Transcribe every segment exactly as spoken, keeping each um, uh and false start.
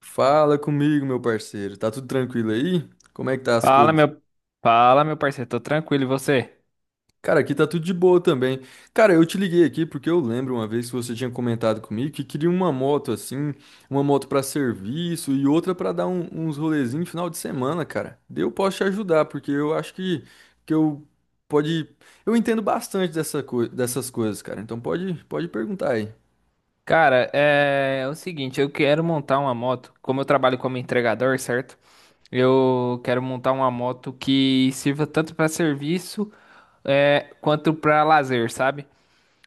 Fala comigo, meu parceiro. Tá tudo tranquilo aí? Como é que tá as Fala, coisas? meu, fala, meu parceiro, tô tranquilo, e você? Cara, aqui tá tudo de boa também. Cara, eu te liguei aqui porque eu lembro uma vez que você tinha comentado comigo que queria uma moto assim, uma moto pra serviço e outra pra dar um- uns rolezinhos final de semana, cara. Daí eu posso te ajudar porque eu acho que que eu pode, eu entendo bastante dessa coi- dessas coisas, cara. Então pode pode perguntar aí. Cara, é, é o seguinte, eu quero montar uma moto, como eu trabalho como entregador, certo? Eu quero montar uma moto que sirva tanto pra serviço, é, quanto pra lazer, sabe?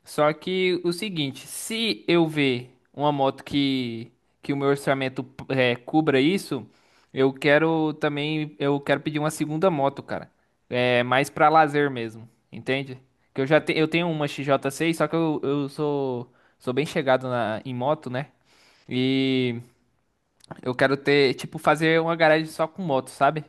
Só que o seguinte, se eu ver uma moto que, que o meu orçamento é, cubra isso, eu quero também, eu quero pedir uma segunda moto, cara. É mais pra lazer mesmo, entende? Que eu já te, Eu tenho uma X J seis, só que eu, eu sou sou bem chegado na, em moto, né? E eu quero ter, tipo, fazer uma garagem só com moto, sabe?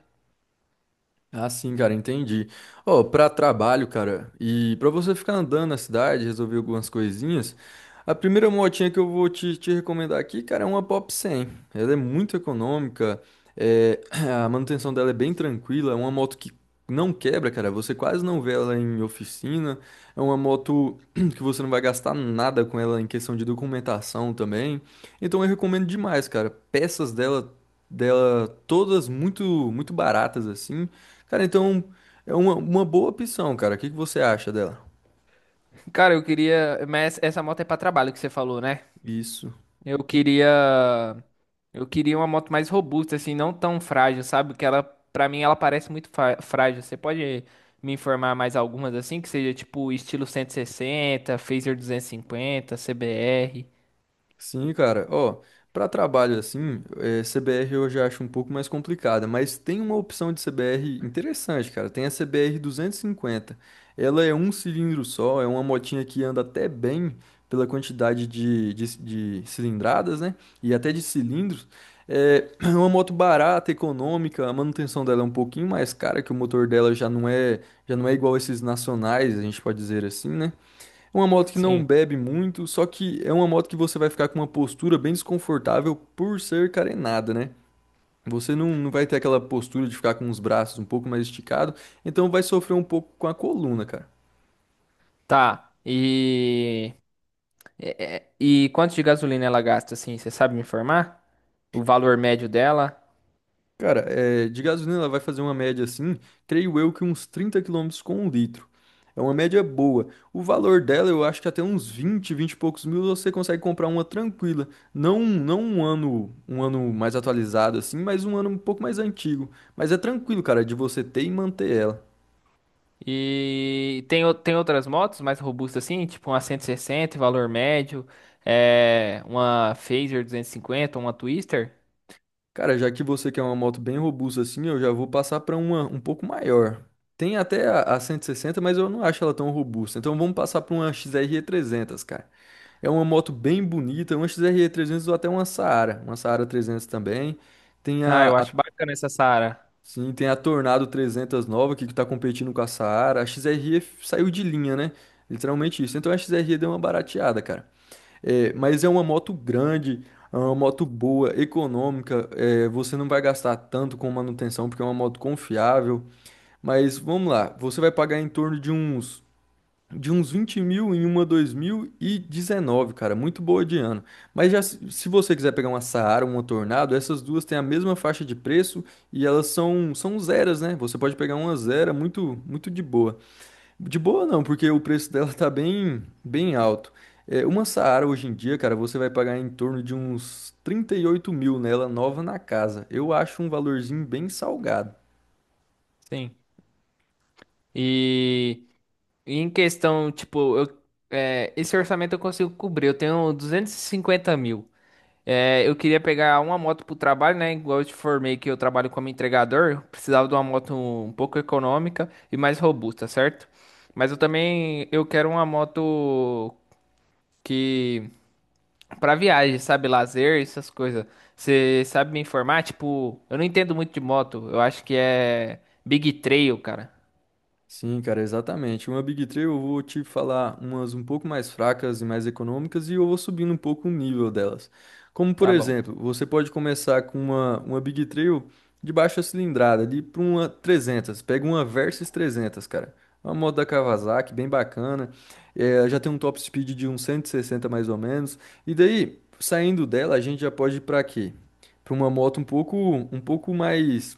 Ah, sim, cara, entendi. Ó, pra trabalho, cara, e pra você ficar andando na cidade, resolver algumas coisinhas, a primeira motinha que eu vou te, te recomendar aqui, cara, é uma Pop cem. Ela é muito econômica, é, a manutenção dela é bem tranquila, é uma moto que não quebra, cara, você quase não vê ela em oficina, é uma moto que você não vai gastar nada com ela em questão de documentação também. Então eu recomendo demais, cara. Peças dela dela, todas muito muito baratas assim. Cara, então é uma, uma boa opção, cara. O que que você acha dela? Cara, eu queria, mas essa moto é pra trabalho que você falou, né? Isso. Eu queria, eu queria uma moto mais robusta, assim, não tão frágil, sabe? Que ela, pra mim, ela parece muito fa- frágil. Você pode me informar mais algumas assim, que seja tipo estilo cento e sessenta, Fazer duzentos e cinquenta, C B R. Sim, cara. Ó, para trabalho assim, eh, C B R eu já acho um pouco mais complicada, mas tem uma opção de C B R interessante, cara. Tem a C B R duzentos e cinquenta. Ela é um cilindro só, é uma motinha que anda até bem pela quantidade de, de, de cilindradas, né? E até de cilindros. É uma moto barata, econômica, a manutenção dela é um pouquinho mais cara, que o motor dela já não é, já não é igual esses nacionais, a gente pode dizer assim, né? É uma moto que não Sim. bebe muito, só que é uma moto que você vai ficar com uma postura bem desconfortável por ser carenada, né? Você não, não vai ter aquela postura de ficar com os braços um pouco mais esticado, então vai sofrer um pouco com a coluna, cara. Tá. E é- é- e quanto de gasolina ela gasta, assim? Você sabe me informar? O valor médio dela? Cara, é, de gasolina ela vai fazer uma média assim, creio eu que uns trinta quilômetros com um litro. É uma média boa. O valor dela, eu acho que até uns vinte, vinte e poucos mil você consegue comprar uma tranquila. Não, não um ano, um ano, mais atualizado assim, mas um ano um pouco mais antigo. Mas é tranquilo, cara, de você ter e manter ela. E tem, o- tem outras motos mais robustas assim, tipo uma cento e sessenta valor médio, é, uma Phaser duzentos e cinquenta uma Twister. Cara, já que você quer uma moto bem robusta assim, eu já vou passar para uma um pouco maior. Tem até a, a cento e sessenta, mas eu não acho ela tão robusta. Então vamos passar para uma X R trezentos, cara. É uma moto bem bonita, uma X R trezentos ou até uma Saara, uma Saara trezentos também. Tem Ah, a, eu a- acho bacana essa Sara. sim, tem a Tornado trezentos nova que está competindo com a Saara. A X R E saiu de linha, né? Literalmente isso. Então a X R E deu uma barateada, cara. É, mas é uma moto grande, é uma moto boa, econômica. é, você não vai gastar tanto com manutenção porque é uma moto confiável. Mas vamos lá, você vai pagar em torno de uns de uns vinte mil em uma dois mil e dezenove, cara, muito boa de ano. Mas já se se você quiser pegar uma Saara, uma Tornado, essas duas têm a mesma faixa de preço e elas são são zeras, né? Você pode pegar uma zera muito muito de boa. De boa não, porque o preço dela tá bem, bem alto. É, uma Saara hoje em dia, cara, você vai pagar em torno de uns trinta e oito mil nela, nova na casa. Eu acho um valorzinho bem salgado. Sim. E em questão, tipo, eu, é, esse orçamento eu consigo cobrir. Eu tenho duzentos e cinquenta mil. É, eu queria pegar uma moto pro trabalho, né? Igual eu te formei que eu trabalho como entregador, eu precisava de uma moto um pouco econômica e mais robusta, certo? Mas eu também eu quero uma moto que para viagem, sabe, lazer, essas coisas. Você sabe me informar? Tipo, eu não entendo muito de moto. Eu acho que é Big Trail, cara. Sim, cara, exatamente. Uma Big Three eu vou te falar umas um pouco mais fracas e mais econômicas e eu vou subindo um pouco o nível delas. Como, por Tá bom. exemplo, você pode começar com uma, uma Big Three de baixa cilindrada, ali para uma trezentas. Pega uma Versys trezentos, cara. Uma moto da Kawasaki, bem bacana. É, já tem um top speed de uns cento e sessenta mais ou menos. E daí, saindo dela, a gente já pode ir para quê? Para uma moto um pouco, um pouco mais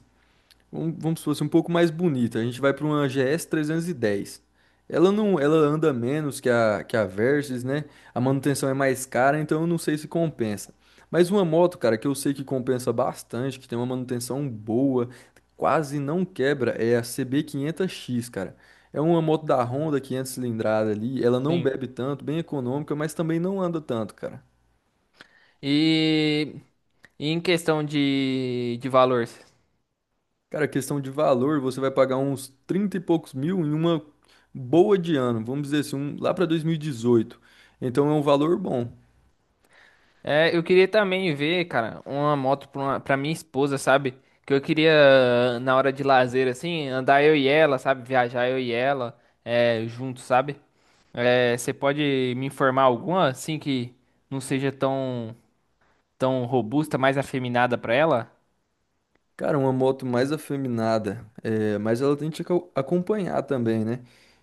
vamos, vamos supor assim, um pouco mais bonita. A gente vai para uma G S trezentos e dez. Ela não, ela anda menos que a, que a Versys, né? A manutenção é mais cara, então eu não sei se compensa. Mas uma moto, cara, que eu sei que compensa bastante, que tem uma manutenção boa, quase não quebra, é a C B quinhentos X, cara. É uma moto da Honda quinhentos cilindrada ali, ela não Sim. bebe tanto, bem econômica, mas também não anda tanto, cara. E, e em questão de, de valor, Cara, questão de valor, você vai pagar uns trinta e poucos mil em uma boa de ano, vamos dizer assim, um- lá para dois mil e dezoito. Então é um valor bom. é, eu queria também ver, cara, uma moto pra, uma- pra minha esposa, sabe? Que eu queria, na hora de lazer, assim, andar eu e ela, sabe? Viajar eu e ela, é, juntos, sabe? É, você pode me informar alguma, assim, que não seja tão tão robusta, mais afeminada pra ela? Cara, uma moto mais afeminada, é, mas ela tem que aco- acompanhar também, né?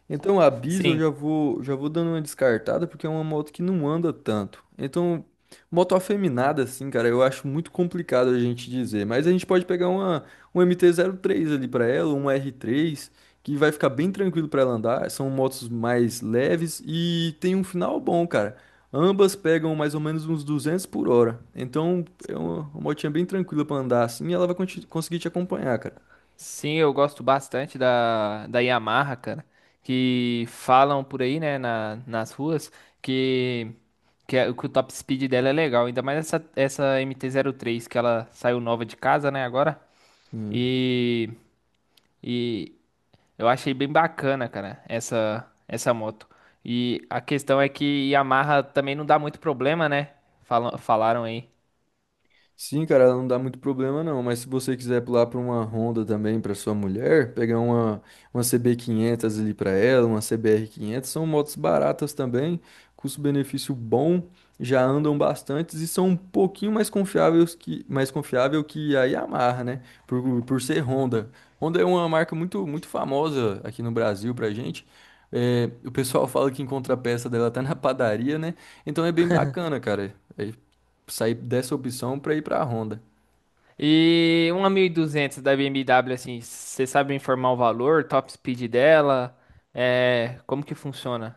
Então a Biz eu Sim, já vou, já vou dando uma descartada porque é uma moto que não anda tanto. Então, moto afeminada, assim, cara, eu acho muito complicado a gente dizer. Mas a gente pode pegar uma, um MT três ali pra ela, uma R três que vai ficar bem tranquilo pra ela andar. São motos mais leves e tem um final bom, cara. Ambas pegam mais ou menos uns duzentos por hora. Então é uma, uma motinha bem tranquila pra andar assim e ela vai conti- conseguir te acompanhar, cara. sim, eu gosto bastante da, da Yamaha, cara. Que falam por aí, né, na, nas ruas, que, que, a- que o top speed dela é legal. Ainda mais essa, essa M T zero três, que ela saiu nova de casa, né, agora. E, e eu achei bem bacana, cara, essa, essa moto. E a questão é que Yamaha também não dá muito problema, né? Falam, falaram aí. Sim, cara, ela não dá muito problema não, mas se você quiser pular para uma Honda também para sua mulher, pegar uma, uma C B quinhentos ali para ela, uma C B R quinhentos, são motos baratas também, custo-benefício bom, já andam bastantes e são um pouquinho mais confiáveis que mais confiável que a Yamaha, né? Por, por ser Honda. Honda é uma marca muito muito famosa aqui no Brasil pra gente. É, o pessoal fala que encontra a peça dela até na padaria, né? Então é bem bacana, cara. É, sair dessa opção para ir para a Honda. E uma mil e duzentos da B M W, assim, você sabe me informar o valor, top speed dela, é, como que funciona?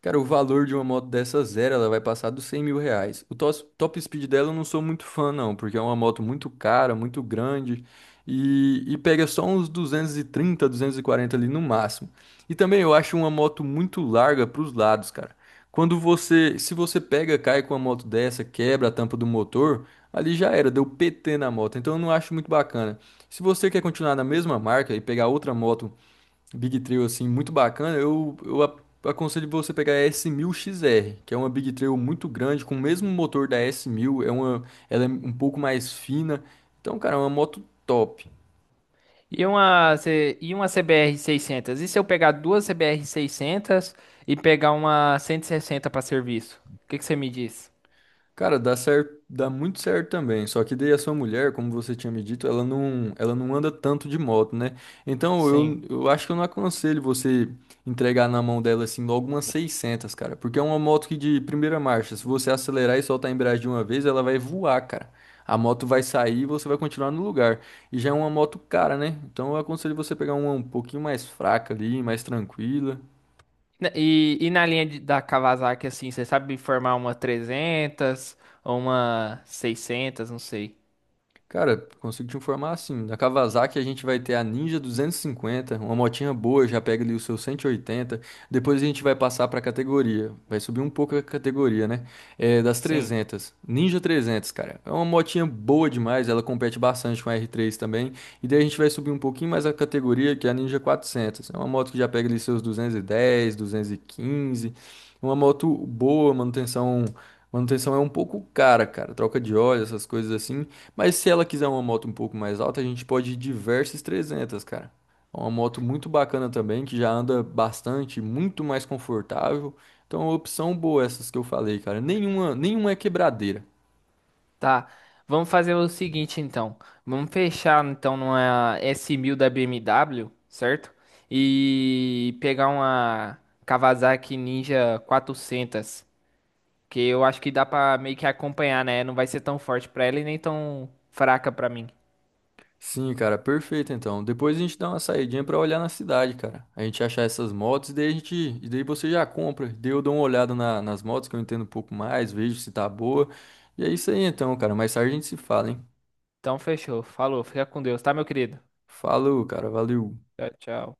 Cara, o valor de uma moto dessa zero, ela vai passar dos cem mil reais. O tos- top speed dela eu não sou muito fã, não, porque é uma moto muito cara, muito grande e, e pega só uns duzentos duzentos e trinta duzentos e quarenta ali no máximo. E também eu acho uma moto muito larga para os lados, cara. Quando você, se você pega, cai com uma moto dessa, quebra a tampa do motor, ali já era, deu P T na moto. Então eu não acho muito bacana. Se você quer continuar na mesma marca e pegar outra moto Big Trail assim muito bacana, eu, eu a- aconselho você pegar a S mil X R, que é uma Big Trail muito grande, com o mesmo motor da S mil, é uma, ela é um pouco mais fina. Então, cara, é uma moto top. E uma, C- e uma C B R seiscentos? E se eu pegar duas C B R seiscentos e pegar uma cento e sessenta para serviço? O que que você me diz? Cara, dá certo, dá muito certo também. Só que daí a sua mulher, como você tinha me dito, ela não, ela não anda tanto de moto, né? Então Sim. eu, eu acho que eu não aconselho você entregar na mão dela assim logo umas seiscentas, cara, porque é uma moto que de primeira marcha, se você acelerar e soltar a embreagem de uma vez, ela vai voar, cara. A moto vai sair e você vai continuar no lugar. E já é uma moto cara, né? Então eu aconselho você pegar uma um pouquinho mais fraca ali, mais tranquila. Na- E, e na linha de- da Kawasaki, assim, você sabe formar uma trezentos ou uma seiscentos, não sei. Cara, consigo te informar assim, da Kawasaki a gente vai ter a Ninja duzentos e cinquenta, uma motinha boa, já pega ali o seu cento e oitenta, depois a gente vai passar para a categoria, vai subir um pouco a categoria, né? É, das Sim. trezentas, Ninja trezentos, cara, é uma motinha boa demais, ela compete bastante com a R três também, e daí a gente vai subir um pouquinho mais a categoria, que é a Ninja quatrocentos, é uma moto que já pega ali seus duzentos e dez, duzentos e quinze, uma moto boa, manutenção... Manutenção é um pouco cara, cara. Troca de óleo, essas coisas assim. Mas se ela quiser uma moto um pouco mais alta, a gente pode ir de Versys trezentos, cara. É uma moto muito bacana também, que já anda bastante, muito mais confortável. Então, é uma opção boa essas que eu falei, cara. Nenhuma, nenhuma é quebradeira. Tá, vamos fazer o seguinte então. Vamos fechar então numa s mil da B M W, certo? E pegar uma Kawasaki Ninja quatrocentos, que eu acho que dá pra meio que acompanhar, né? Não vai ser tão forte pra ela e nem tão fraca pra mim. Sim, cara, perfeito então. Depois a gente dá uma saidinha pra olhar na cidade, cara. A gente achar essas motos e daí a gente, e daí você já compra. Daí eu dou uma olhada na- nas motos que eu entendo um pouco mais, vejo se tá boa. E é isso aí então, cara. Mais tarde a gente se fala, hein? Então fechou, falou, fica com Deus, tá, meu querido? Falou, cara. Valeu. Tchau, tchau.